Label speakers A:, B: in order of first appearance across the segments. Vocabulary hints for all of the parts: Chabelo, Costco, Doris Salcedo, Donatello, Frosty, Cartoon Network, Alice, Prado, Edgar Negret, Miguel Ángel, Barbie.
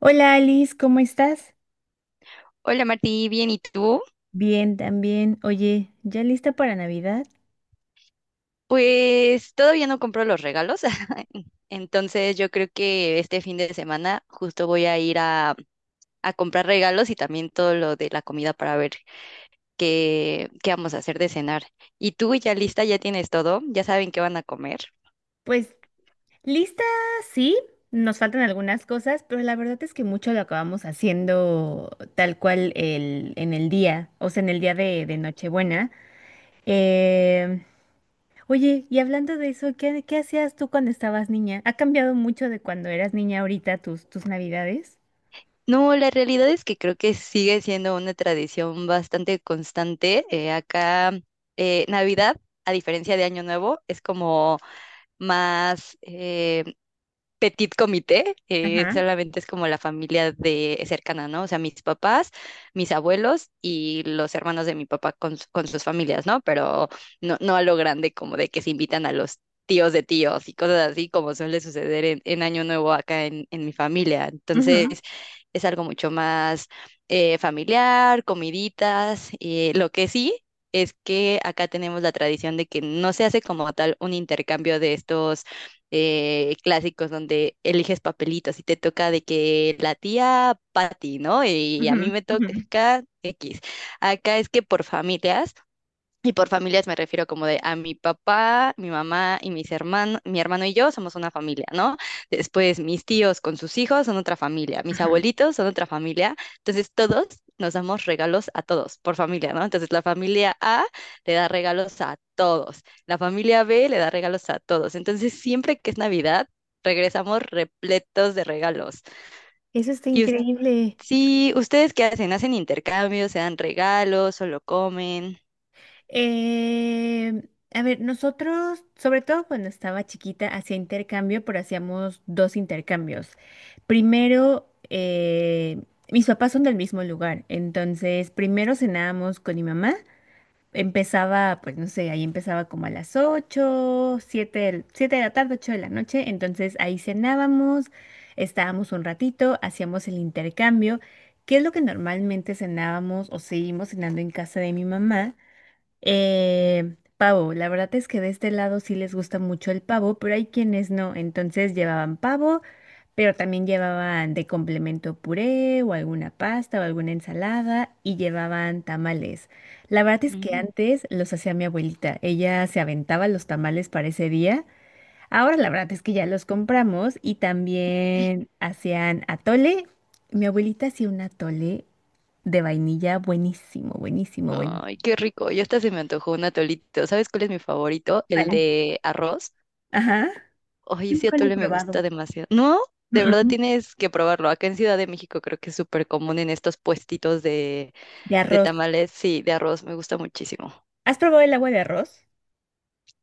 A: Hola Alice, ¿cómo estás?
B: Hola Martí, bien, ¿y tú?
A: Bien, también. Oye, ¿ya lista para Navidad?
B: Pues todavía no compro los regalos, entonces yo creo que este fin de semana justo voy a ir a comprar regalos y también todo lo de la comida para ver qué vamos a hacer de cenar. ¿Y tú ya lista? ¿Ya tienes todo? ¿Ya saben qué van a comer?
A: Pues lista, sí, nos faltan algunas cosas, pero la verdad es que mucho lo acabamos haciendo tal cual en el día, o sea, en el día de Nochebuena. Eh, Oye, y hablando de eso, ¿ qué hacías tú cuando estabas niña? ¿Ha cambiado mucho de cuando eras niña ahorita tus Navidades?
B: No, la realidad es que creo que sigue siendo una tradición bastante constante. Acá, Navidad, a diferencia de Año Nuevo, es como más petit comité,
A: Ajá,
B: solamente es como la familia de cercana, ¿no? O sea, mis papás, mis abuelos y los hermanos de mi papá con sus familias, ¿no? Pero no, no a lo grande como de que se invitan a los tíos de tíos y cosas así como suele suceder en Año Nuevo acá en mi familia. Entonces,
A: ujú,
B: es algo mucho más familiar, comiditas, lo que sí. Es que acá tenemos la tradición de que no se hace como tal un intercambio de estos clásicos donde eliges papelitos y te toca de que la tía Patty, ¿no? Y a mí
A: ujú,
B: me
A: ujú,
B: toca X. Acá es que por familias, y por familias me refiero como de a mi papá, mi mamá y mis hermanos, mi hermano y yo somos una familia, ¿no? Después mis tíos con sus hijos son otra familia, mis
A: ajá.
B: abuelitos son otra familia. Entonces todos nos damos regalos a todos por familia, ¿no? Entonces la familia A le da regalos a todos, la familia B le da regalos a todos. Entonces siempre que es Navidad, regresamos repletos de regalos.
A: Eso está
B: Y us-
A: increíble.
B: sí, ¿ustedes qué hacen? ¿Hacen intercambios? ¿Se dan regalos? ¿Solo comen?
A: Eh, a ver, nosotros, sobre todo cuando estaba chiquita, hacía intercambio, pero hacíamos dos intercambios. Primero, mis papás son del mismo lugar, entonces primero cenábamos con mi mamá. Empezaba, pues no sé, ahí empezaba como a las 8, 7, 7 de la tarde, 8 de la noche. Entonces ahí cenábamos, estábamos un ratito, hacíamos el intercambio, que es lo que normalmente cenábamos o seguimos cenando en casa de mi mamá. Pavo, la verdad es que de este lado sí les gusta mucho el pavo, pero hay quienes no. Entonces llevaban pavo, pero también llevaban de complemento puré o alguna pasta o alguna ensalada y llevaban tamales. La verdad es que
B: Mm.
A: antes los hacía mi abuelita. Ella se aventaba los tamales para ese día. Ahora la verdad es que ya los compramos y también hacían atole. Mi abuelita hacía un atole de vainilla buenísimo, buenísimo, buenísimo.
B: Ay, qué rico. Ya hasta se me antojó un atolito. ¿Sabes cuál es mi favorito? El
A: Vale.
B: de arroz.
A: Ajá.
B: Ay,
A: Yo
B: ese
A: nunca lo he
B: atole me gusta
A: probado.
B: demasiado. No, de
A: Mm,
B: verdad
A: mm.
B: tienes que probarlo. Acá en Ciudad de México creo que es súper común en estos puestitos de,
A: De
B: de
A: arroz.
B: tamales. Sí, de arroz me gusta muchísimo.
A: ¿Has probado el agua de arroz?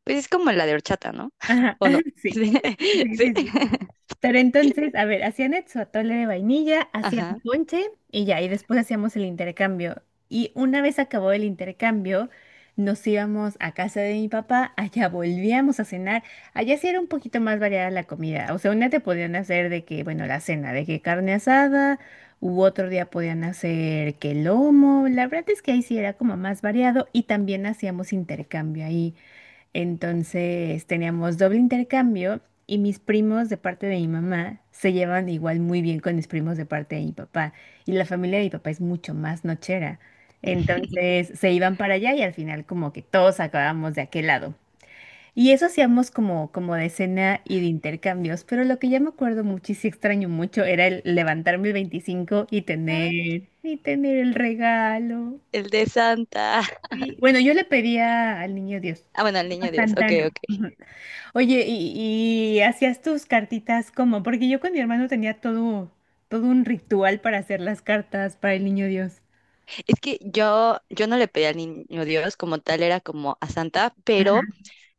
B: Pues es como la de horchata, ¿no?
A: Ajá,
B: ¿O no?
A: sí.
B: Sí.
A: Sí,
B: Sí.
A: sí, sí. Pero entonces, a ver, su atole de vainilla, hacían
B: Ajá.
A: ponche y ya, y después hacíamos el intercambio. Y una vez acabó el intercambio, nos íbamos a casa de mi papá, allá volvíamos a cenar. Allá sí era un poquito más variada la comida. O sea, un día te podían hacer de que, bueno, la cena, de que carne asada, u otro día podían hacer que lomo. La verdad es que ahí sí era como más variado y también hacíamos intercambio ahí. Entonces teníamos doble intercambio y mis primos de parte de mi mamá se llevan igual muy bien con mis primos de parte de mi papá. Y la familia de mi papá es mucho más nochera. Entonces se iban para allá y al final como que todos acabamos de aquel lado. Y eso hacíamos como, como de cena y de intercambios, pero lo que ya me acuerdo mucho y sí extraño mucho era el levantarme el 25 y
B: Ah,
A: y tener el regalo.
B: el de Santa.
A: Y, bueno, yo le pedía al niño Dios,
B: Ah, bueno, al niño
A: a
B: Dios.
A: Santa,
B: Ok,
A: no.
B: ok.
A: Oye, ¿ y hacías tus cartitas como? Porque yo con mi hermano tenía todo un ritual para hacer las cartas para el niño Dios.
B: Es que yo no le pedí al niño Dios como tal, era como a Santa, pero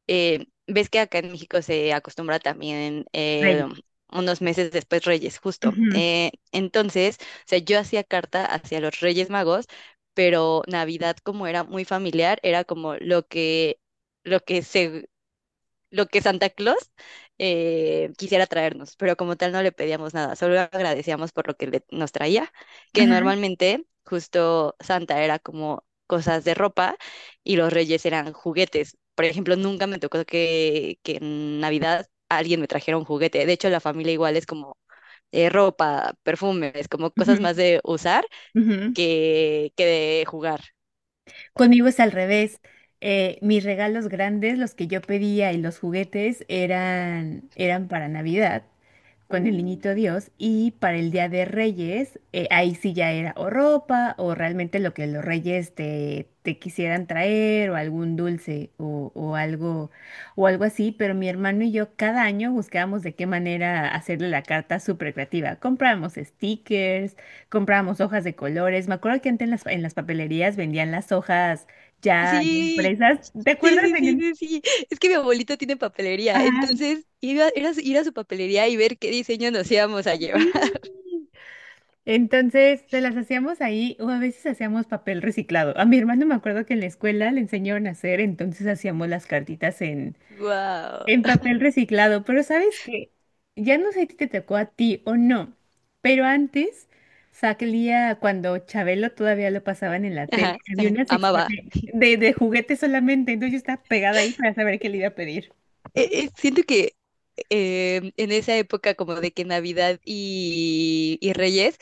B: ves que acá en México se acostumbra también
A: Reyes.
B: unos meses después Reyes, justo.
A: Ujú.
B: Entonces, o sea, yo hacía carta hacia los Reyes Magos, pero Navidad, como era muy familiar, era como lo que se lo que Santa Claus quisiera traernos, pero como tal no le pedíamos nada, solo agradecíamos por lo que nos traía, que
A: Ajá.
B: normalmente justo Santa era como cosas de ropa y los reyes eran juguetes. Por ejemplo, nunca me tocó que en Navidad alguien me trajera un juguete. De hecho, la familia igual es como ropa, perfumes, como cosas
A: Ujú.
B: más de usar
A: Ujú.
B: que de jugar.
A: Conmigo es al revés. Mis regalos grandes, los que yo pedía y los juguetes eran para Navidad con el niñito Dios y para el Día de Reyes, ahí sí ya era o ropa o realmente lo que los reyes te quisieran traer o algún dulce o algo así, pero mi hermano y yo cada año buscábamos de qué manera hacerle la carta súper creativa. Comprábamos stickers, comprábamos hojas de colores. Me acuerdo que antes en en las papelerías vendían las hojas ya
B: Sí,
A: impresas. ¿Te
B: Sí,
A: acuerdas?
B: sí, sí,
A: En…
B: sí, sí. Es que mi abuelito tiene papelería,
A: Ajá,
B: entonces iba, era ir a su papelería y ver qué diseño nos íbamos a llevar.
A: sí. Entonces se las hacíamos ahí o a veces hacíamos papel reciclado. A mi hermano me acuerdo que en la escuela le enseñaron a hacer, entonces hacíamos las cartitas
B: Wow.
A: en papel reciclado, pero ¿sabes que ya no sé si te tocó a ti o no, pero antes salía cuando Chabelo todavía lo pasaban en la tele,
B: Ajá,
A: había
B: ajá,
A: una sección
B: amaba.
A: de juguetes solamente, entonces yo estaba pegada ahí para saber qué le iba a pedir?
B: Siento que en esa época como de que Navidad y Reyes,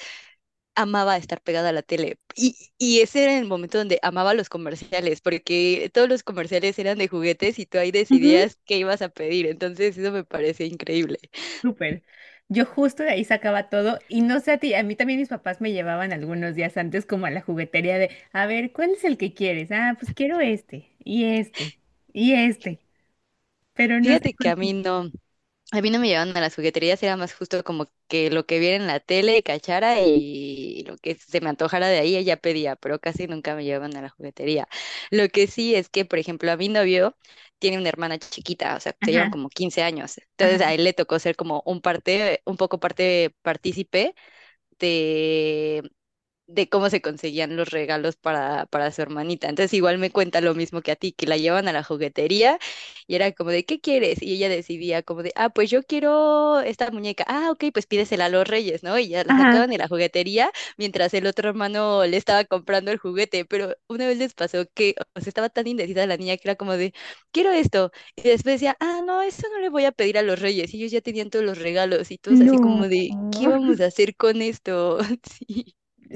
B: amaba estar pegada a la tele. Y ese era el momento donde amaba los comerciales, porque todos los comerciales eran de juguetes y tú ahí
A: Ujú.
B: decidías qué ibas a pedir. Entonces eso me parece increíble.
A: Súper. Yo justo de ahí sacaba todo y no sé a ti, a mí también mis papás me llevaban algunos días antes como a la juguetería de, a ver, ¿cuál es el que quieres? Ah, pues quiero este y este y este, pero no sé
B: Fíjate que a mí
A: cuánto.
B: no. A mí no me llevaban a las jugueterías, era más justo como que lo que viera en la tele, cachara y lo que se me antojara de ahí, ella pedía, pero casi nunca me llevaban a la juguetería. Lo que sí es que, por ejemplo, a mi novio tiene una hermana chiquita, o sea, se llevan
A: Ajá,
B: como 15 años.
A: ajá.
B: Entonces a él le tocó ser como un poco parte, partícipe de, de cómo se conseguían los regalos para su hermanita. Entonces igual me cuenta lo mismo que a ti, que la llevan a la juguetería y era como de, ¿qué quieres? Y ella decidía como de, ah, pues yo quiero esta muñeca. Ah, ok, pues pídesela a los reyes, ¿no? Y ya la
A: Ajá.
B: sacaban de la juguetería mientras el otro hermano le estaba comprando el juguete. Pero una vez les pasó que, o sea, estaba tan indecisa la niña que era como de, quiero esto. Y después decía, ah, no, eso no le voy a pedir a los reyes. Y ellos ya tenían todos los regalos y todos así
A: No,
B: como de, ¿qué vamos a hacer con esto?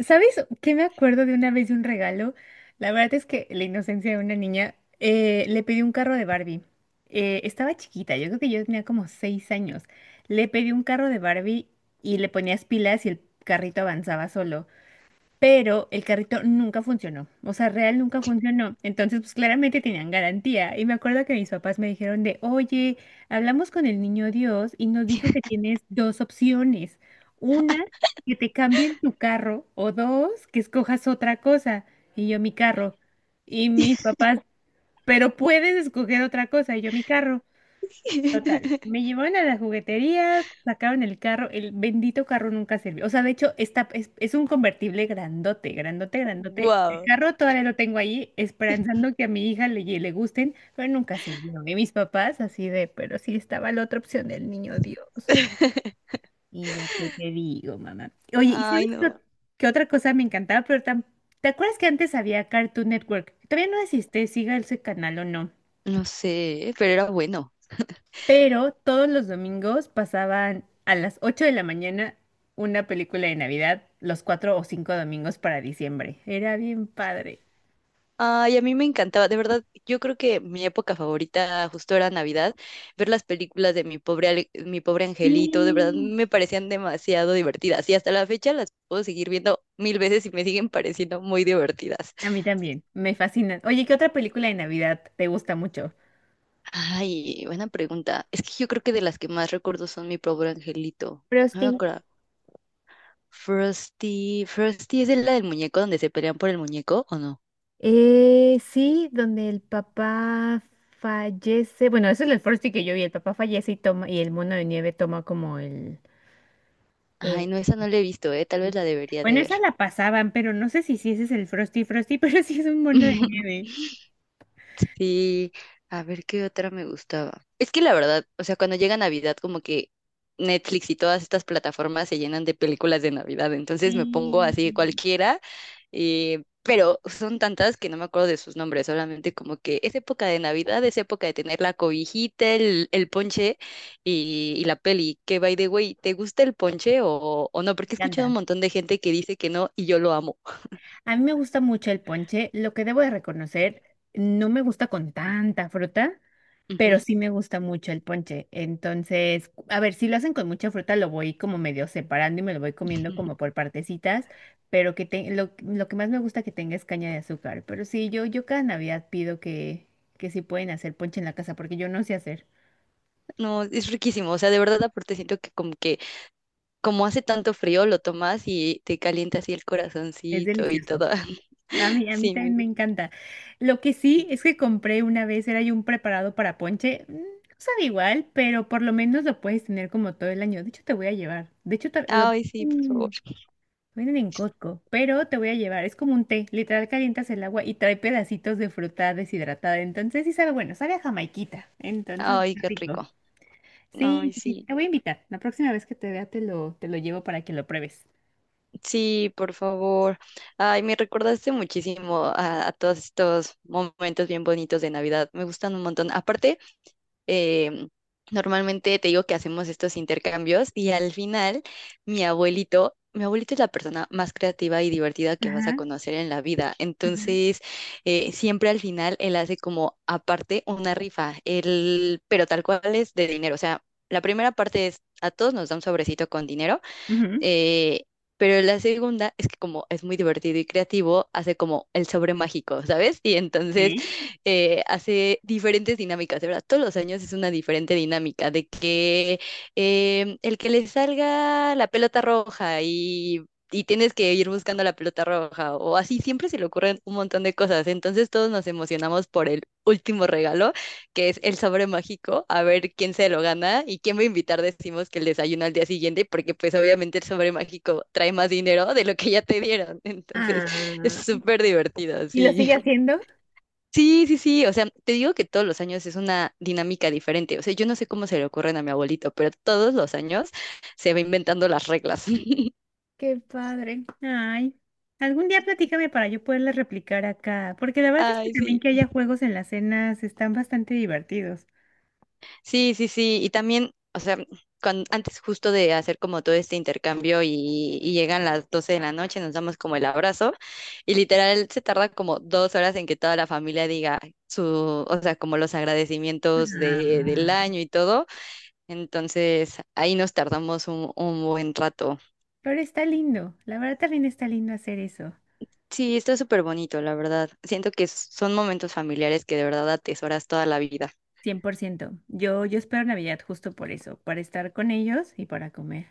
A: ¿sabes qué me acuerdo de una vez de un regalo? La verdad es que la inocencia de una niña, le pedí un carro de Barbie. Estaba chiquita, yo creo que yo tenía como 6 años. Le pedí un carro de Barbie y le ponías pilas y el carrito avanzaba solo, pero el carrito nunca funcionó, o sea, real nunca funcionó. Entonces, pues claramente tenían garantía. Y me acuerdo que mis papás me dijeron de, oye, hablamos con el niño Dios y nos dijo que tienes dos opciones. Una, que te cambien tu carro, o dos, que escojas otra cosa. Y yo mi carro. Y
B: Sí.
A: mis papás, pero puedes escoger otra cosa, y yo mi carro. Me llevaron a las jugueterías, sacaron el carro, el bendito carro nunca sirvió. O sea, de hecho, es un convertible grandote, grandote, grandote. El
B: Guau.
A: carro todavía lo tengo ahí, esperanzando que a mi hija le gusten, pero nunca sirvió. Y mis papás así de, pero sí estaba la otra opción del niño Dios. Y yo, ¿qué te digo, mamá? Oye, ¿y
B: Ay,
A: sabes
B: no.
A: qué otra cosa me encantaba? ¿Te acuerdas que antes había Cartoon Network? Todavía no existe, siga ese canal o no.
B: No sé, pero era bueno.
A: Pero todos los domingos pasaban a las 8 de la mañana una película de Navidad, los cuatro o cinco domingos para diciembre. Era bien padre.
B: Ay, a mí me encantaba, de verdad, yo creo que mi época favorita justo era Navidad, ver las películas de Mi Pobre Angelito, de verdad
A: Sí.
B: me parecían demasiado divertidas y hasta la fecha las puedo seguir viendo mil veces y me siguen pareciendo muy divertidas.
A: A mí también, me fascina. Oye, ¿qué otra película de Navidad te gusta mucho?
B: Ay, buena pregunta. Es que yo creo que de las que más recuerdo son Mi Pobre Angelito. No me
A: Frosty.
B: acuerdo. Frosty, Frosty es la del muñeco donde se pelean por el muñeco, ¿o no?
A: Sí, donde el papá fallece. Bueno, eso es el Frosty que yo vi. El papá fallece y toma, y el mono de nieve toma como el. eh,
B: Ay, no, esa no la he visto, eh. Tal vez la debería de
A: Bueno, esa
B: ver.
A: la pasaban, pero no sé si sí ese es el Frosty, pero sí es un mono de nieve.
B: Sí, a ver qué otra me gustaba. Es que la verdad, o sea, cuando llega Navidad, como que Netflix y todas estas plataformas se llenan de películas de Navidad, entonces me pongo
A: Sí,
B: así
A: me
B: cualquiera, pero son tantas que no me acuerdo de sus nombres, solamente como que es época de Navidad, es época de tener la cobijita, el ponche y la peli. Que by the way, ¿te gusta el ponche o no? Porque he escuchado un
A: encanta.
B: montón de gente que dice que no y yo lo amo.
A: A mí me gusta mucho el ponche. Lo que debo de reconocer, no me gusta con tanta fruta, pero
B: Ujú.
A: sí me gusta mucho el ponche. Entonces, a ver, si lo hacen con mucha fruta, lo voy como medio separando y me lo voy comiendo como por partecitas, pero lo que más me gusta que tenga es caña de azúcar. Pero sí, yo cada Navidad pido que si pueden hacer ponche en la casa, porque yo no sé hacer.
B: No, es riquísimo, o sea, de verdad aparte siento que como hace tanto frío lo tomas y te calienta así el
A: Es
B: corazoncito y
A: delicioso.
B: todo.
A: A mí
B: Sí,
A: también me encanta. Lo que sí es que compré una vez, era yo un preparado para ponche. No sabe igual, pero por lo menos lo puedes tener como todo el año. De hecho, te voy a llevar. De hecho, lo
B: ay, sí, por
A: mm,
B: favor.
A: venden en Costco, pero te voy a llevar. Es como un té. Literal, calientas el agua y trae pedacitos de fruta deshidratada. Entonces, sí sabe bueno, sabe a jamaiquita. Entonces,
B: Ay,
A: está
B: qué
A: rico.
B: rico.
A: Sí,
B: Ay,
A: sí, sí,
B: sí.
A: te voy a invitar. La próxima vez que te vea, te lo llevo para que lo pruebes.
B: Sí, por favor. Ay, me recordaste muchísimo a todos estos momentos bien bonitos de Navidad. Me gustan un montón. Aparte, em, normalmente te digo que hacemos estos intercambios y al final mi abuelito es la persona más creativa y divertida que vas a
A: Ajá,
B: conocer en la vida.
A: ajá.
B: Entonces, siempre al final él hace como aparte una rifa, él, pero tal cual es de dinero. O sea, la primera parte es a todos nos da un sobrecito con dinero.
A: Ujú.
B: Eh, pero la segunda es que como es muy divertido y creativo, hace como el sobre mágico, ¿sabes? Y entonces
A: Ok.
B: hace diferentes dinámicas, de verdad, todos los años es una diferente dinámica, de que el que le salga la pelota roja Y tienes que ir buscando la pelota roja o así, siempre se le ocurren un montón de cosas. Entonces todos nos emocionamos por el último regalo que es el sobre mágico, a ver quién se lo gana y quién va a invitar, decimos que el desayuno al día siguiente, porque pues obviamente el sobre mágico trae más dinero de lo que ya te dieron. Entonces, es
A: Ah,
B: súper divertido,
A: ¿y lo
B: sí.
A: sigue haciendo?
B: Sí, sí, sí, o sea, te digo que todos los años es una dinámica diferente. O sea, yo no sé cómo se le ocurren a mi abuelito, pero todos los años se va inventando las reglas.
A: Qué padre. Ay, algún día platícame para yo poderle replicar acá, porque la verdad es que
B: Ay,
A: también
B: sí.
A: que haya juegos en las cenas están bastante divertidos.
B: Sí, sí, sí. Y también, o sea, antes justo de hacer como todo este intercambio y llegan las 12 de la noche, nos damos como el abrazo y literal se tarda como 2 horas en que toda la familia diga su, o sea, como los agradecimientos del
A: Ay,
B: año y todo. Entonces, ahí nos tardamos un buen rato.
A: pero está lindo, la verdad también está lindo hacer eso.
B: Sí, está súper bonito, la verdad. Siento que son momentos familiares que de verdad atesoras toda la vida.
A: 100%. Yo espero Navidad justo por eso, para estar con ellos y para comer.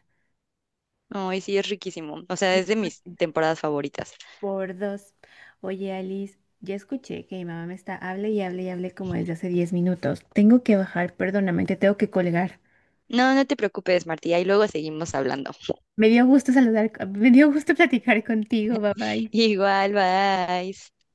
B: No, y sí, es riquísimo. O sea,
A: Cien
B: es de
A: por
B: mis
A: ciento.
B: temporadas favoritas.
A: Por dos. Oye, Alice, ya escuché que mi mamá me está, hable y hable y hable como desde hace 10 minutos. Tengo que bajar, perdóname, te tengo que colgar.
B: No, no te preocupes, Martí. Ahí luego seguimos hablando.
A: Me dio gusto saludar, me dio gusto platicar contigo, bye bye.
B: Igual, bye.